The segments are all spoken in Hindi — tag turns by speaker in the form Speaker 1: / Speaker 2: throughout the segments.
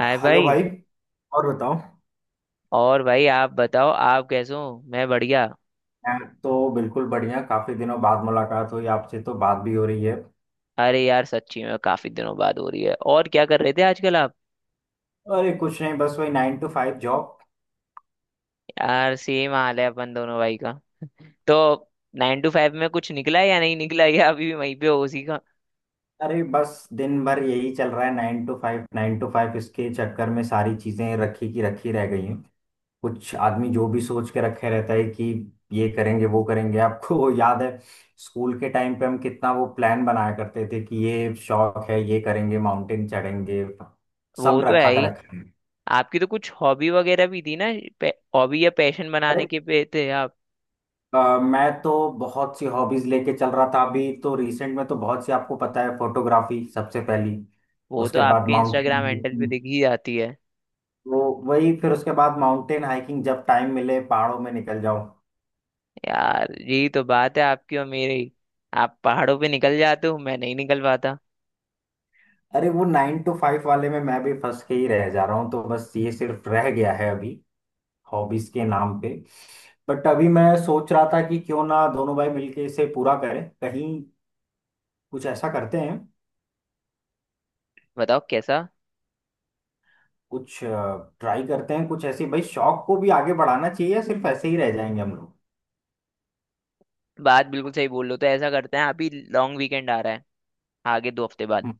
Speaker 1: हाय
Speaker 2: हेलो
Speaker 1: भाई।
Speaker 2: भाई। और बताओ।
Speaker 1: और भाई आप बताओ, आप कैसे हो? मैं बढ़िया।
Speaker 2: मैं तो बिल्कुल बढ़िया। काफी दिनों बाद मुलाकात हुई आपसे, तो बात भी हो रही है।
Speaker 1: अरे यार, सच्ची में काफी दिनों बाद हो रही है। और क्या कर रहे थे आजकल आप?
Speaker 2: अरे कुछ नहीं, बस वही 9 to 5 जॉब।
Speaker 1: यार, सेम हाल है अपन दोनों भाई का। तो 9 to 5 में कुछ निकला है या नहीं निकला या अभी भी वहीं पे हो उसी का?
Speaker 2: अरे बस दिन भर यही चल रहा है, 9 to 5 9 to 5, इसके चक्कर में सारी चीजें रखी की रखी रह गई हैं। कुछ आदमी जो भी सोच के रखे रहता है कि ये करेंगे वो करेंगे। आपको याद है? स्कूल के टाइम पे हम कितना वो प्लान बनाया करते थे, कि ये शौक है ये करेंगे, माउंटेन चढ़ेंगे। सब
Speaker 1: वो तो है
Speaker 2: रखा कर
Speaker 1: ही।
Speaker 2: रखा
Speaker 1: आपकी तो कुछ हॉबी वगैरह भी थी ना? हॉबी या पैशन बनाने
Speaker 2: है।
Speaker 1: के पे थे आप?
Speaker 2: मैं तो बहुत सी हॉबीज लेके चल रहा था। अभी तो रिसेंट में तो बहुत सी, आपको पता है, फोटोग्राफी सबसे पहली।
Speaker 1: वो तो
Speaker 2: उसके बाद
Speaker 1: आपके
Speaker 2: माउंटेन
Speaker 1: इंस्टाग्राम हैंडल पे
Speaker 2: हाइकिंग।
Speaker 1: दिख ही जाती है।
Speaker 2: तो वही, फिर उसके बाद माउंटेन हाइकिंग, जब टाइम मिले पहाड़ों में निकल जाऊं।
Speaker 1: यार, यही तो बात है आपकी और मेरी। आप पहाड़ों पे निकल जाते हो, मैं नहीं निकल पाता।
Speaker 2: अरे वो 9 to 5 वाले में मैं भी फंस के ही रह जा रहा हूँ, तो बस ये सिर्फ रह गया है अभी, हॉबीज के नाम पे। बट अभी मैं सोच रहा था कि क्यों ना दोनों भाई मिलके इसे पूरा करें। कहीं कुछ ऐसा करते हैं।
Speaker 1: बताओ कैसा?
Speaker 2: कुछ ट्राई करते हैं कुछ ऐसे। भाई शौक को भी आगे बढ़ाना चाहिए, या सिर्फ ऐसे ही रह जाएंगे हम लोग?
Speaker 1: बात बिल्कुल सही बोल रहे हो, तो ऐसा करते हैं, अभी लॉन्ग वीकेंड आ रहा है आगे 2 हफ्ते बाद।
Speaker 2: हम्म,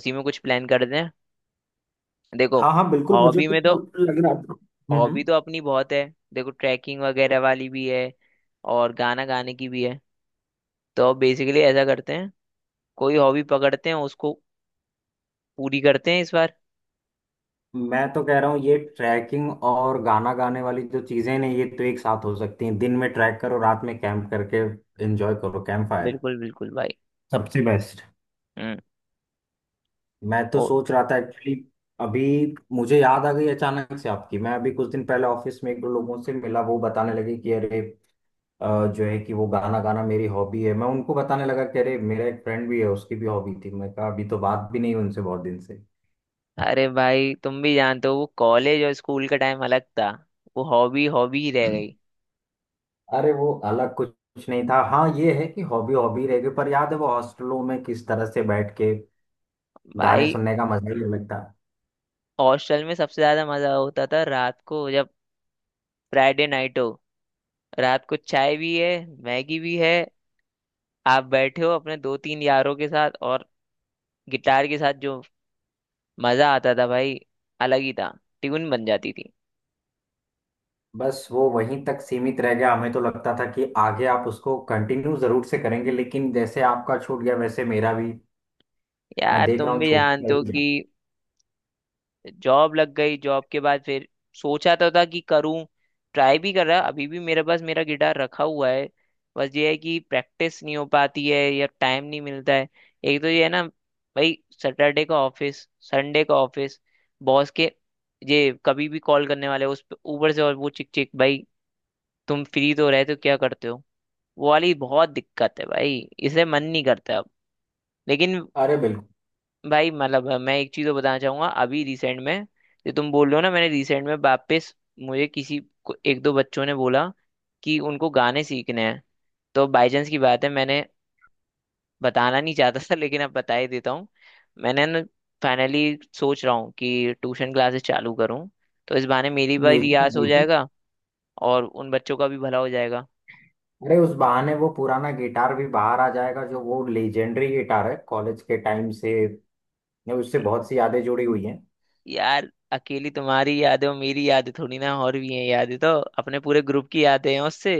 Speaker 1: उसी में कुछ प्लान करते हैं। देखो,
Speaker 2: हाँ हाँ बिल्कुल, मुझे
Speaker 1: हॉबी में तो
Speaker 2: तो लग रहा था। हम्म
Speaker 1: हॉबी
Speaker 2: हम्म।
Speaker 1: तो अपनी बहुत है। देखो, ट्रैकिंग वगैरह वाली भी है और गाना गाने की भी है। तो बेसिकली ऐसा करते हैं, कोई हॉबी पकड़ते हैं, उसको पूरी करते हैं इस बार।
Speaker 2: मैं तो कह रहा हूँ ये ट्रैकिंग और गाना गाने वाली जो चीजें हैं ये तो एक साथ हो सकती हैं। दिन में ट्रैक करो, रात में कैंप करके एंजॉय करो, कैंप फायर
Speaker 1: बिल्कुल बिल्कुल भाई।
Speaker 2: सबसे बेस्ट।
Speaker 1: हम्म।
Speaker 2: मैं तो
Speaker 1: ओ।
Speaker 2: सोच रहा था एक्चुअली। अभी मुझे याद आ गई अचानक से आपकी। मैं अभी कुछ दिन पहले ऑफिस में एक दो लोगों से मिला, वो बताने लगे कि अरे जो है कि वो गाना गाना मेरी हॉबी है। मैं उनको बताने लगा कि अरे मेरा एक फ्रेंड भी है, उसकी भी हॉबी थी। मैं कहा अभी तो बात भी नहीं हुई उनसे बहुत दिन से।
Speaker 1: अरे भाई, तुम भी जानते हो वो कॉलेज और स्कूल का टाइम अलग था। वो हॉबी हॉबी ही रह गई।
Speaker 2: अरे वो अलग कुछ कुछ नहीं था। हाँ ये है कि हॉबी हॉबी रह गई, पर याद है वो हॉस्टलों में किस तरह से बैठ के गाने
Speaker 1: भाई,
Speaker 2: सुनने का मजा ही अलग था।
Speaker 1: हॉस्टल में सबसे ज्यादा मजा होता था रात को, जब फ्राइडे नाइट हो, रात को चाय भी है, मैगी भी है, आप बैठे हो अपने दो तीन यारों के साथ और गिटार के साथ, जो मजा आता था भाई, अलग ही था। ट्यून बन जाती थी।
Speaker 2: बस वो वहीं तक सीमित रह गया। हमें तो लगता था कि आगे आप उसको कंटिन्यू जरूर से करेंगे, लेकिन जैसे आपका छूट गया वैसे मेरा भी, मैं
Speaker 1: यार,
Speaker 2: देख रहा
Speaker 1: तुम
Speaker 2: हूँ,
Speaker 1: भी
Speaker 2: छूट
Speaker 1: जानते
Speaker 2: ही
Speaker 1: हो कि
Speaker 2: गया।
Speaker 1: जॉब लग गई, जॉब के बाद फिर सोचा तो था कि करूँ, ट्राई भी कर रहा। अभी भी मेरे पास मेरा गिटार रखा हुआ है, बस ये है कि प्रैक्टिस नहीं हो पाती है या टाइम नहीं मिलता है। एक तो ये है ना भाई, सैटरडे का ऑफिस, संडे का ऑफिस, बॉस के ये कभी भी कॉल करने वाले ऊपर से और वो चिक चिक भाई, तुम फ्री तो रहे तो क्या करते हो? वो वाली बहुत दिक्कत है भाई, इसे मन नहीं करता अब। लेकिन
Speaker 2: अरे बिल्कुल।
Speaker 1: भाई, मतलब मैं एक चीज तो बताना चाहूंगा अभी रिसेंट में। जो तुम बोल रहे हो ना, मैंने रिसेंट में वापस मुझे किसी को एक दो बच्चों ने बोला कि उनको गाने सीखने हैं। तो बाई चांस की बात है, मैंने बताना नहीं चाहता था लेकिन अब बता ही देता हूँ। मैंने ना फाइनली सोच रहा हूँ कि ट्यूशन क्लासेस चालू करूँ, तो इस बहाने मेरी भी
Speaker 2: म्यूजिक
Speaker 1: रियाज हो
Speaker 2: बिल्कुल।
Speaker 1: जाएगा और उन बच्चों का भी भला हो जाएगा।
Speaker 2: अरे उस बहाने वो पुराना गिटार भी बाहर आ जाएगा, जो वो लेजेंडरी गिटार है कॉलेज के टाइम से ने, उससे बहुत सी यादें जुड़ी हुई हैं।
Speaker 1: यार, अकेली तुम्हारी यादें और मेरी यादें थोड़ी ना, और भी हैं यादें तो। अपने पूरे ग्रुप की यादें हैं उससे।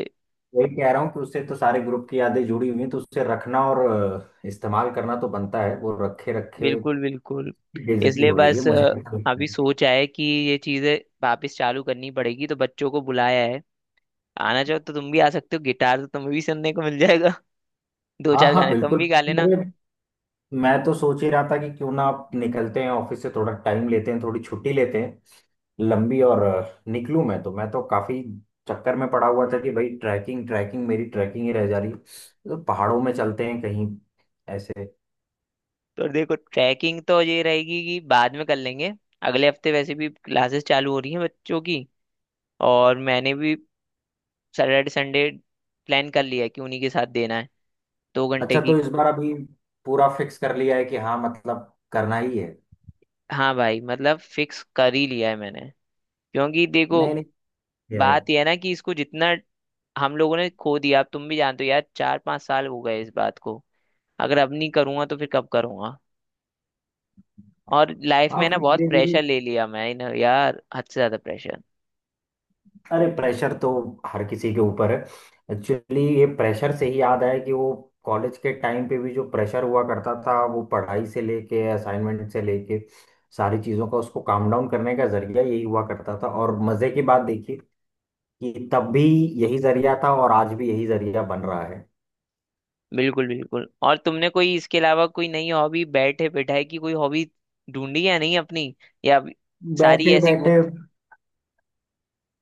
Speaker 2: वही कह रहा हूँ कि उससे तो सारे ग्रुप की यादें जुड़ी हुई हैं, तो उससे रखना और इस्तेमाल करना तो बनता है, वो रखे रखे
Speaker 1: बिल्कुल बिल्कुल।
Speaker 2: की बेइज्जती
Speaker 1: इसलिए
Speaker 2: हो रही है,
Speaker 1: बस
Speaker 2: मुझे ऐसा लगता
Speaker 1: अभी
Speaker 2: है।
Speaker 1: सोच है कि ये चीजें वापस चालू करनी पड़ेगी, तो बच्चों को बुलाया है। आना चाहो तो तुम भी आ सकते हो, गिटार तो तुम्हें भी सुनने को मिल जाएगा दो
Speaker 2: हाँ
Speaker 1: चार
Speaker 2: हाँ
Speaker 1: गाने तुम
Speaker 2: बिल्कुल।
Speaker 1: भी गा लेना।
Speaker 2: अरे मैं तो सोच ही रहा था कि क्यों ना आप निकलते हैं ऑफिस से, थोड़ा टाइम लेते हैं, थोड़ी छुट्टी लेते हैं लंबी, और निकलूं। मैं तो काफी चक्कर में पड़ा हुआ था कि भाई ट्रैकिंग ट्रैकिंग मेरी ट्रैकिंग ही रह जा रही है। तो पहाड़ों में चलते हैं कहीं ऐसे।
Speaker 1: तो देखो, ट्रैकिंग तो ये रहेगी कि बाद में कर लेंगे। अगले हफ्ते वैसे भी क्लासेस चालू हो रही हैं बच्चों की, और मैंने भी सैटरडे संडे प्लान कर लिया है कि उन्हीं के साथ देना है 2 घंटे
Speaker 2: अच्छा तो
Speaker 1: की।
Speaker 2: इस बार अभी पूरा फिक्स कर लिया है कि हाँ, मतलब करना ही है?
Speaker 1: हाँ भाई, मतलब फिक्स कर ही लिया है मैंने। क्योंकि देखो,
Speaker 2: नहीं नहीं, है।
Speaker 1: बात यह है ना कि इसको जितना हम लोगों ने खो दिया, अब तुम भी जानते हो यार, चार पांच साल हो गए इस बात को। अगर अब नहीं करूंगा तो फिर कब करूंगा? और लाइफ
Speaker 2: हाँ
Speaker 1: में ना
Speaker 2: फिर
Speaker 1: बहुत
Speaker 2: धीरे धीरे।
Speaker 1: प्रेशर ले लिया मैं ना यार, हद से ज्यादा प्रेशर।
Speaker 2: अरे प्रेशर तो हर किसी के ऊपर है। एक्चुअली ये प्रेशर से ही याद आया कि वो कॉलेज के टाइम पे भी जो प्रेशर हुआ करता था, वो पढ़ाई से लेके असाइनमेंट से लेके सारी चीज़ों का उसको काम डाउन करने का जरिया यही हुआ करता था। और मज़े की बात देखिए कि तब भी यही जरिया था, और आज भी यही जरिया बन रहा है।
Speaker 1: बिल्कुल बिल्कुल। और तुमने कोई इसके अलावा कोई नई हॉबी बैठे बिठाए की, कोई हॉबी ढूंढी या नहीं अपनी? या अभी सारी
Speaker 2: बैठे
Speaker 1: ऐसी गु-
Speaker 2: बैठे,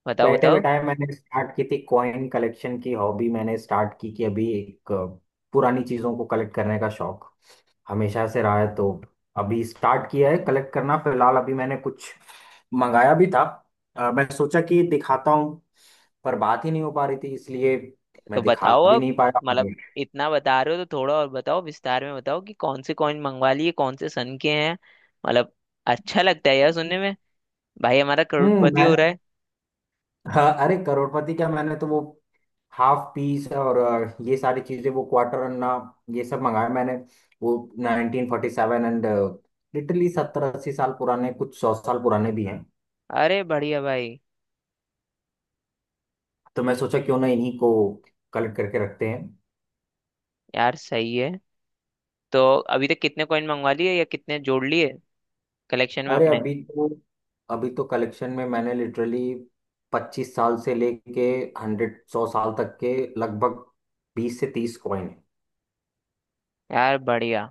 Speaker 1: बताओ
Speaker 2: बैठे
Speaker 1: बताओ।
Speaker 2: बैठाए मैंने स्टार्ट की थी कॉइन कलेक्शन की हॉबी, मैंने स्टार्ट की कि अभी एक पुरानी चीज़ों को कलेक्ट करने का शौक हमेशा से रहा है, तो। अभी स्टार्ट किया है कलेक्ट करना। फिलहाल अभी मैंने कुछ मंगाया भी था, मैं सोचा कि दिखाता हूँ, पर बात ही नहीं हो पा रही थी, इसलिए
Speaker 1: तो
Speaker 2: मैं दिखा
Speaker 1: बताओ
Speaker 2: भी
Speaker 1: अब,
Speaker 2: नहीं पाया
Speaker 1: मतलब इतना बता रहे हो तो थोड़ा और बताओ, विस्तार में बताओ कि कौन से कॉइन मंगवा लिए, कौन से सन के हैं। मतलब अच्छा लगता है यार सुनने में, भाई हमारा करोड़पति हो।
Speaker 2: मैं, हाँ, अरे करोड़पति क्या! मैंने तो वो हाफ पीस और ये सारी चीजें, वो क्वार्टर अन्ना, ये सब मंगाया मैंने। वो 1947 एंड लिटरली 70 80 साल पुराने, कुछ 100 साल पुराने भी हैं।
Speaker 1: अरे बढ़िया भाई।
Speaker 2: तो मैं सोचा क्यों ना इन्हीं को कलेक्ट करके रखते हैं।
Speaker 1: यार सही है। तो अभी तक कितने कॉइन मंगवा लिए, या कितने जोड़ लिए कलेक्शन में
Speaker 2: अरे
Speaker 1: अपने?
Speaker 2: अभी तो कलेक्शन में मैंने लिटरली 25 साल से लेके 100 साल तक के, लगभग 20 से 30 कॉइन है।
Speaker 1: यार बढ़िया।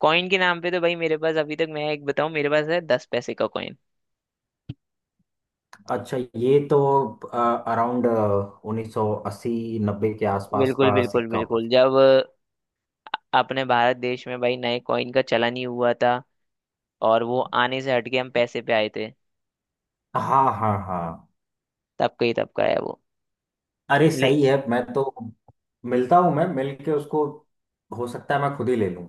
Speaker 1: कॉइन के नाम पे तो भाई, मेरे पास अभी तक, मैं एक बताऊं, मेरे पास है 10 पैसे का कॉइन।
Speaker 2: अच्छा ये तो अराउंड 1980 90 के आसपास
Speaker 1: बिल्कुल
Speaker 2: का
Speaker 1: बिल्कुल
Speaker 2: सिक्का होगा।
Speaker 1: बिल्कुल, जब अपने भारत देश में भाई नए कॉइन का चलन ही हुआ था और वो आने से हटके हम पैसे पे आए थे,
Speaker 2: हाँ हाँ हाँ।
Speaker 1: तब का है वो।
Speaker 2: अरे
Speaker 1: ले,
Speaker 2: सही है, मैं तो मिलता हूँ, मैं मिल के उसको, हो सकता है मैं खुद ही ले लूँ।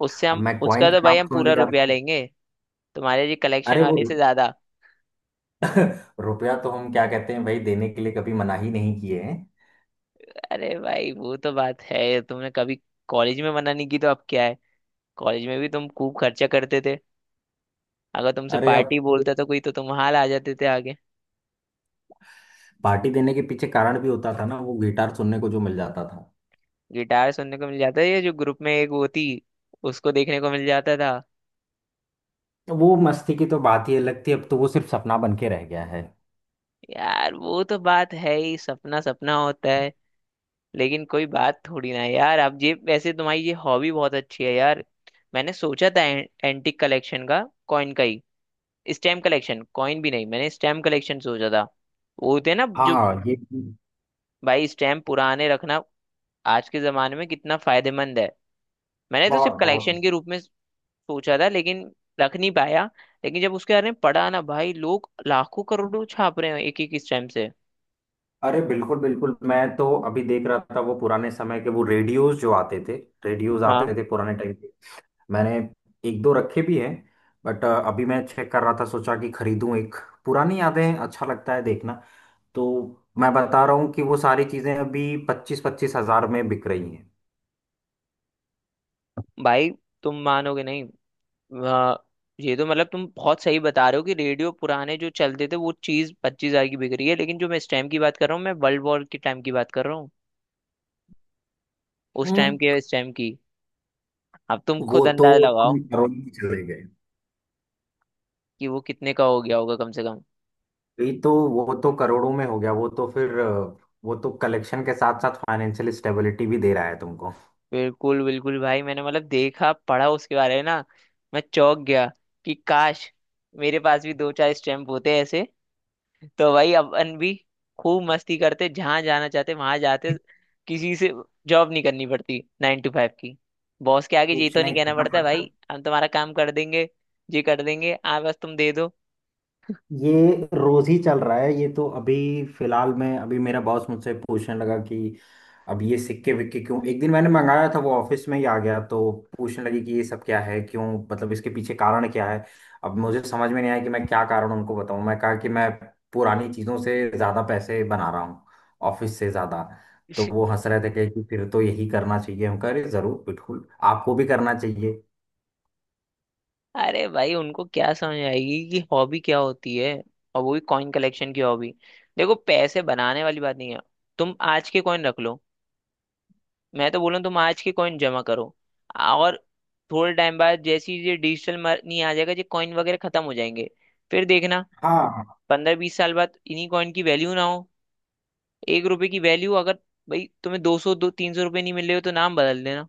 Speaker 1: उससे
Speaker 2: अब
Speaker 1: हम,
Speaker 2: मैं कॉइन
Speaker 1: उसका तो
Speaker 2: का
Speaker 1: भाई
Speaker 2: नाम
Speaker 1: हम
Speaker 2: सुन
Speaker 1: पूरा
Speaker 2: लिया
Speaker 1: रुपया
Speaker 2: तो।
Speaker 1: लेंगे, तुम्हारे जी कलेक्शन
Speaker 2: अरे वो
Speaker 1: वाले से ज्यादा।
Speaker 2: रुपया तो हम क्या कहते हैं भाई, देने के लिए कभी मना ही नहीं किए हैं।
Speaker 1: अरे भाई वो तो बात है, तुमने कभी कॉलेज में मना नहीं की तो अब क्या है। कॉलेज में भी तुम खूब खर्चा करते थे, अगर तुमसे
Speaker 2: अरे अब
Speaker 1: पार्टी
Speaker 2: तो
Speaker 1: बोलता था कोई तो तुम हाल आ जाते थे आगे।
Speaker 2: पार्टी देने के पीछे कारण भी होता था ना, वो गिटार सुनने को जो मिल जाता था।
Speaker 1: गिटार सुनने को मिल जाता है, ये जो ग्रुप में एक वो थी, उसको देखने को मिल जाता था।
Speaker 2: वो मस्ती की तो बात ही अलग थी, अब तो वो सिर्फ सपना बन के रह गया है।
Speaker 1: यार वो तो बात है ही, सपना सपना होता है। लेकिन कोई बात थोड़ी ना है यार, अब ये वैसे तुम्हारी ये हॉबी बहुत अच्छी है यार। मैंने सोचा था एंटिक कलेक्शन का, कॉइन का ही, स्टैम्प कलेक्शन, कॉइन भी नहीं, मैंने स्टैम्प कलेक्शन सोचा था। वो होते हैं ना जो,
Speaker 2: हाँ ये
Speaker 1: भाई स्टैम्प पुराने रखना आज के जमाने में कितना फायदेमंद है। मैंने तो
Speaker 2: बहुत
Speaker 1: सिर्फ
Speaker 2: बहुत।
Speaker 1: कलेक्शन के रूप में सोचा था लेकिन रख नहीं पाया। लेकिन जब उसके बारे में पढ़ा ना भाई, लोग लाखों करोड़ों छाप रहे हैं एक एक स्टैम्प से।
Speaker 2: अरे बिल्कुल बिल्कुल, मैं तो अभी देख रहा था वो पुराने समय के वो रेडियोज जो आते थे, रेडियोज
Speaker 1: हाँ
Speaker 2: आते थे पुराने टाइम के। मैंने एक दो रखे भी हैं। बट अभी मैं चेक कर रहा था, सोचा कि खरीदूं एक, पुरानी यादें हैं, अच्छा लगता है देखना। तो मैं बता रहा हूँ कि वो सारी चीजें अभी 25 25 हजार में बिक रही हैं।
Speaker 1: भाई, तुम मानोगे नहीं। वाह, ये तो मतलब तुम बहुत सही बता रहे हो कि रेडियो पुराने जो चलते थे वो चीज 25 हजार की बिक रही है, लेकिन जो मैं स्टैम्प की बात कर रहा हूँ, मैं वर्ल्ड वॉर के टाइम की बात कर रहा हूँ, उस टाइम
Speaker 2: हम्म।
Speaker 1: के स्टैम्प की। अब तुम खुद
Speaker 2: वो तो
Speaker 1: अंदाजा लगाओ
Speaker 2: तुम करोड़ में चले गए।
Speaker 1: कि वो कितने का हो गया होगा कम से कम।
Speaker 2: ये तो, वो तो करोड़ों में हो गया, वो तो फिर वो तो कलेक्शन के साथ साथ फाइनेंशियल स्टेबिलिटी भी दे रहा है तुमको।
Speaker 1: बिल्कुल बिल्कुल भाई, मैंने मतलब देखा पढ़ा उसके बारे में ना, मैं चौंक गया कि काश मेरे पास भी दो चार स्टैम्प होते ऐसे तो भाई अपन भी खूब मस्ती करते, जहां जाना चाहते वहां जाते, किसी से जॉब नहीं करनी पड़ती 9 to 5 की। बॉस के आगे ये
Speaker 2: कुछ
Speaker 1: तो नहीं
Speaker 2: नहीं
Speaker 1: कहना
Speaker 2: करना
Speaker 1: पड़ता,
Speaker 2: पड़ता।
Speaker 1: भाई हम तुम्हारा काम कर देंगे, ये कर देंगे आ बस तुम दे दो
Speaker 2: ये रोज ही चल रहा है ये तो। अभी फिलहाल में अभी मेरा बॉस मुझसे पूछने लगा कि अब ये सिक्के विक्के क्यों। एक दिन मैंने मंगाया था वो ऑफिस में ही आ गया, तो पूछने लगी कि ये सब क्या है, क्यों, मतलब इसके पीछे कारण क्या है। अब मुझे समझ में नहीं आया कि मैं क्या कारण उनको बताऊं। मैं कहा कि मैं पुरानी चीजों से ज्यादा पैसे बना रहा हूँ, ऑफिस से ज्यादा। तो वो हंस रहे थे कि फिर तो यही करना चाहिए। हम कह रहे जरूर, बिल्कुल आपको भी करना चाहिए।
Speaker 1: अरे भाई, उनको क्या समझ आएगी कि हॉबी क्या होती है, और वो भी कॉइन कलेक्शन की हॉबी। देखो पैसे बनाने वाली बात नहीं है, तुम आज के कॉइन रख लो, मैं तो बोलूँ तुम आज की कॉइन जमा करो, और थोड़े टाइम बाद जैसे ही ये डिजिटल मनी आ जाएगा ये कॉइन वगैरह खत्म हो जाएंगे, फिर देखना।
Speaker 2: हाँ।
Speaker 1: 15-20 साल बाद इन्हीं कॉइन की वैल्यू ना हो। 1 रुपए की वैल्यू अगर, भाई तुम्हें दो सौ दो तीन सौ रुपये नहीं मिल रहे हो तो नाम बदल देना।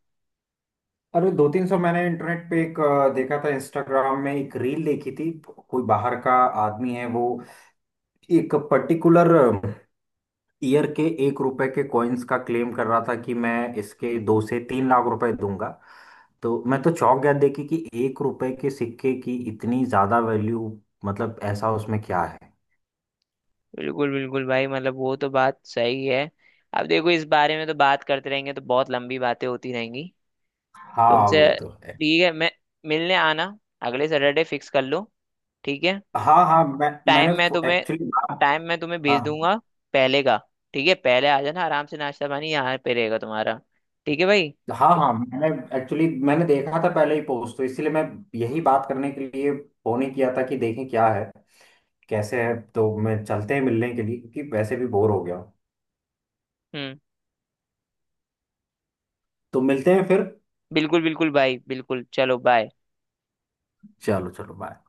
Speaker 2: अरे 2 3 सौ, मैंने इंटरनेट पे एक देखा था, इंस्टाग्राम में एक रील देखी थी, कोई बाहर का आदमी है वो, एक पर्टिकुलर ईयर के 1 रुपए के कॉइन्स का क्लेम कर रहा था कि मैं इसके 2 से 3 लाख रुपए दूंगा। तो मैं तो चौंक गया देखी कि 1 रुपए के सिक्के की इतनी ज्यादा वैल्यू, मतलब ऐसा उसमें क्या है।
Speaker 1: बिल्कुल बिल्कुल भाई, मतलब वो तो बात सही है। अब देखो, इस बारे में तो बात करते रहेंगे तो बहुत लंबी बातें होती रहेंगी
Speaker 2: हाँ
Speaker 1: तुमसे।
Speaker 2: वो तो है।
Speaker 1: ठीक है, मैं मिलने आना, अगले सैटरडे फिक्स कर लो, ठीक है?
Speaker 2: हाँ हाँ, मैं
Speaker 1: टाइम
Speaker 2: मैंने
Speaker 1: मैं तुम्हें
Speaker 2: एक्चुअली, हाँ,
Speaker 1: टाइम मैं तुम्हें भेज
Speaker 2: हाँ।
Speaker 1: दूंगा पहले का। ठीक है, पहले आ जाना आराम से, नाश्ता पानी यहाँ पे रहेगा तुम्हारा। ठीक है भाई।
Speaker 2: हाँ हाँ, मैंने एक्चुअली मैंने देखा था पहले ही पोस्ट, तो इसलिए मैं यही बात करने के लिए फोन ही किया था कि देखें क्या है कैसे है। तो मैं चलते हैं मिलने के लिए, क्योंकि वैसे भी बोर हो गया हूँ।
Speaker 1: हम्म।
Speaker 2: तो मिलते हैं फिर।
Speaker 1: बिल्कुल बिल्कुल भाई, बिल्कुल, चलो बाय।
Speaker 2: चलो चलो, बाय।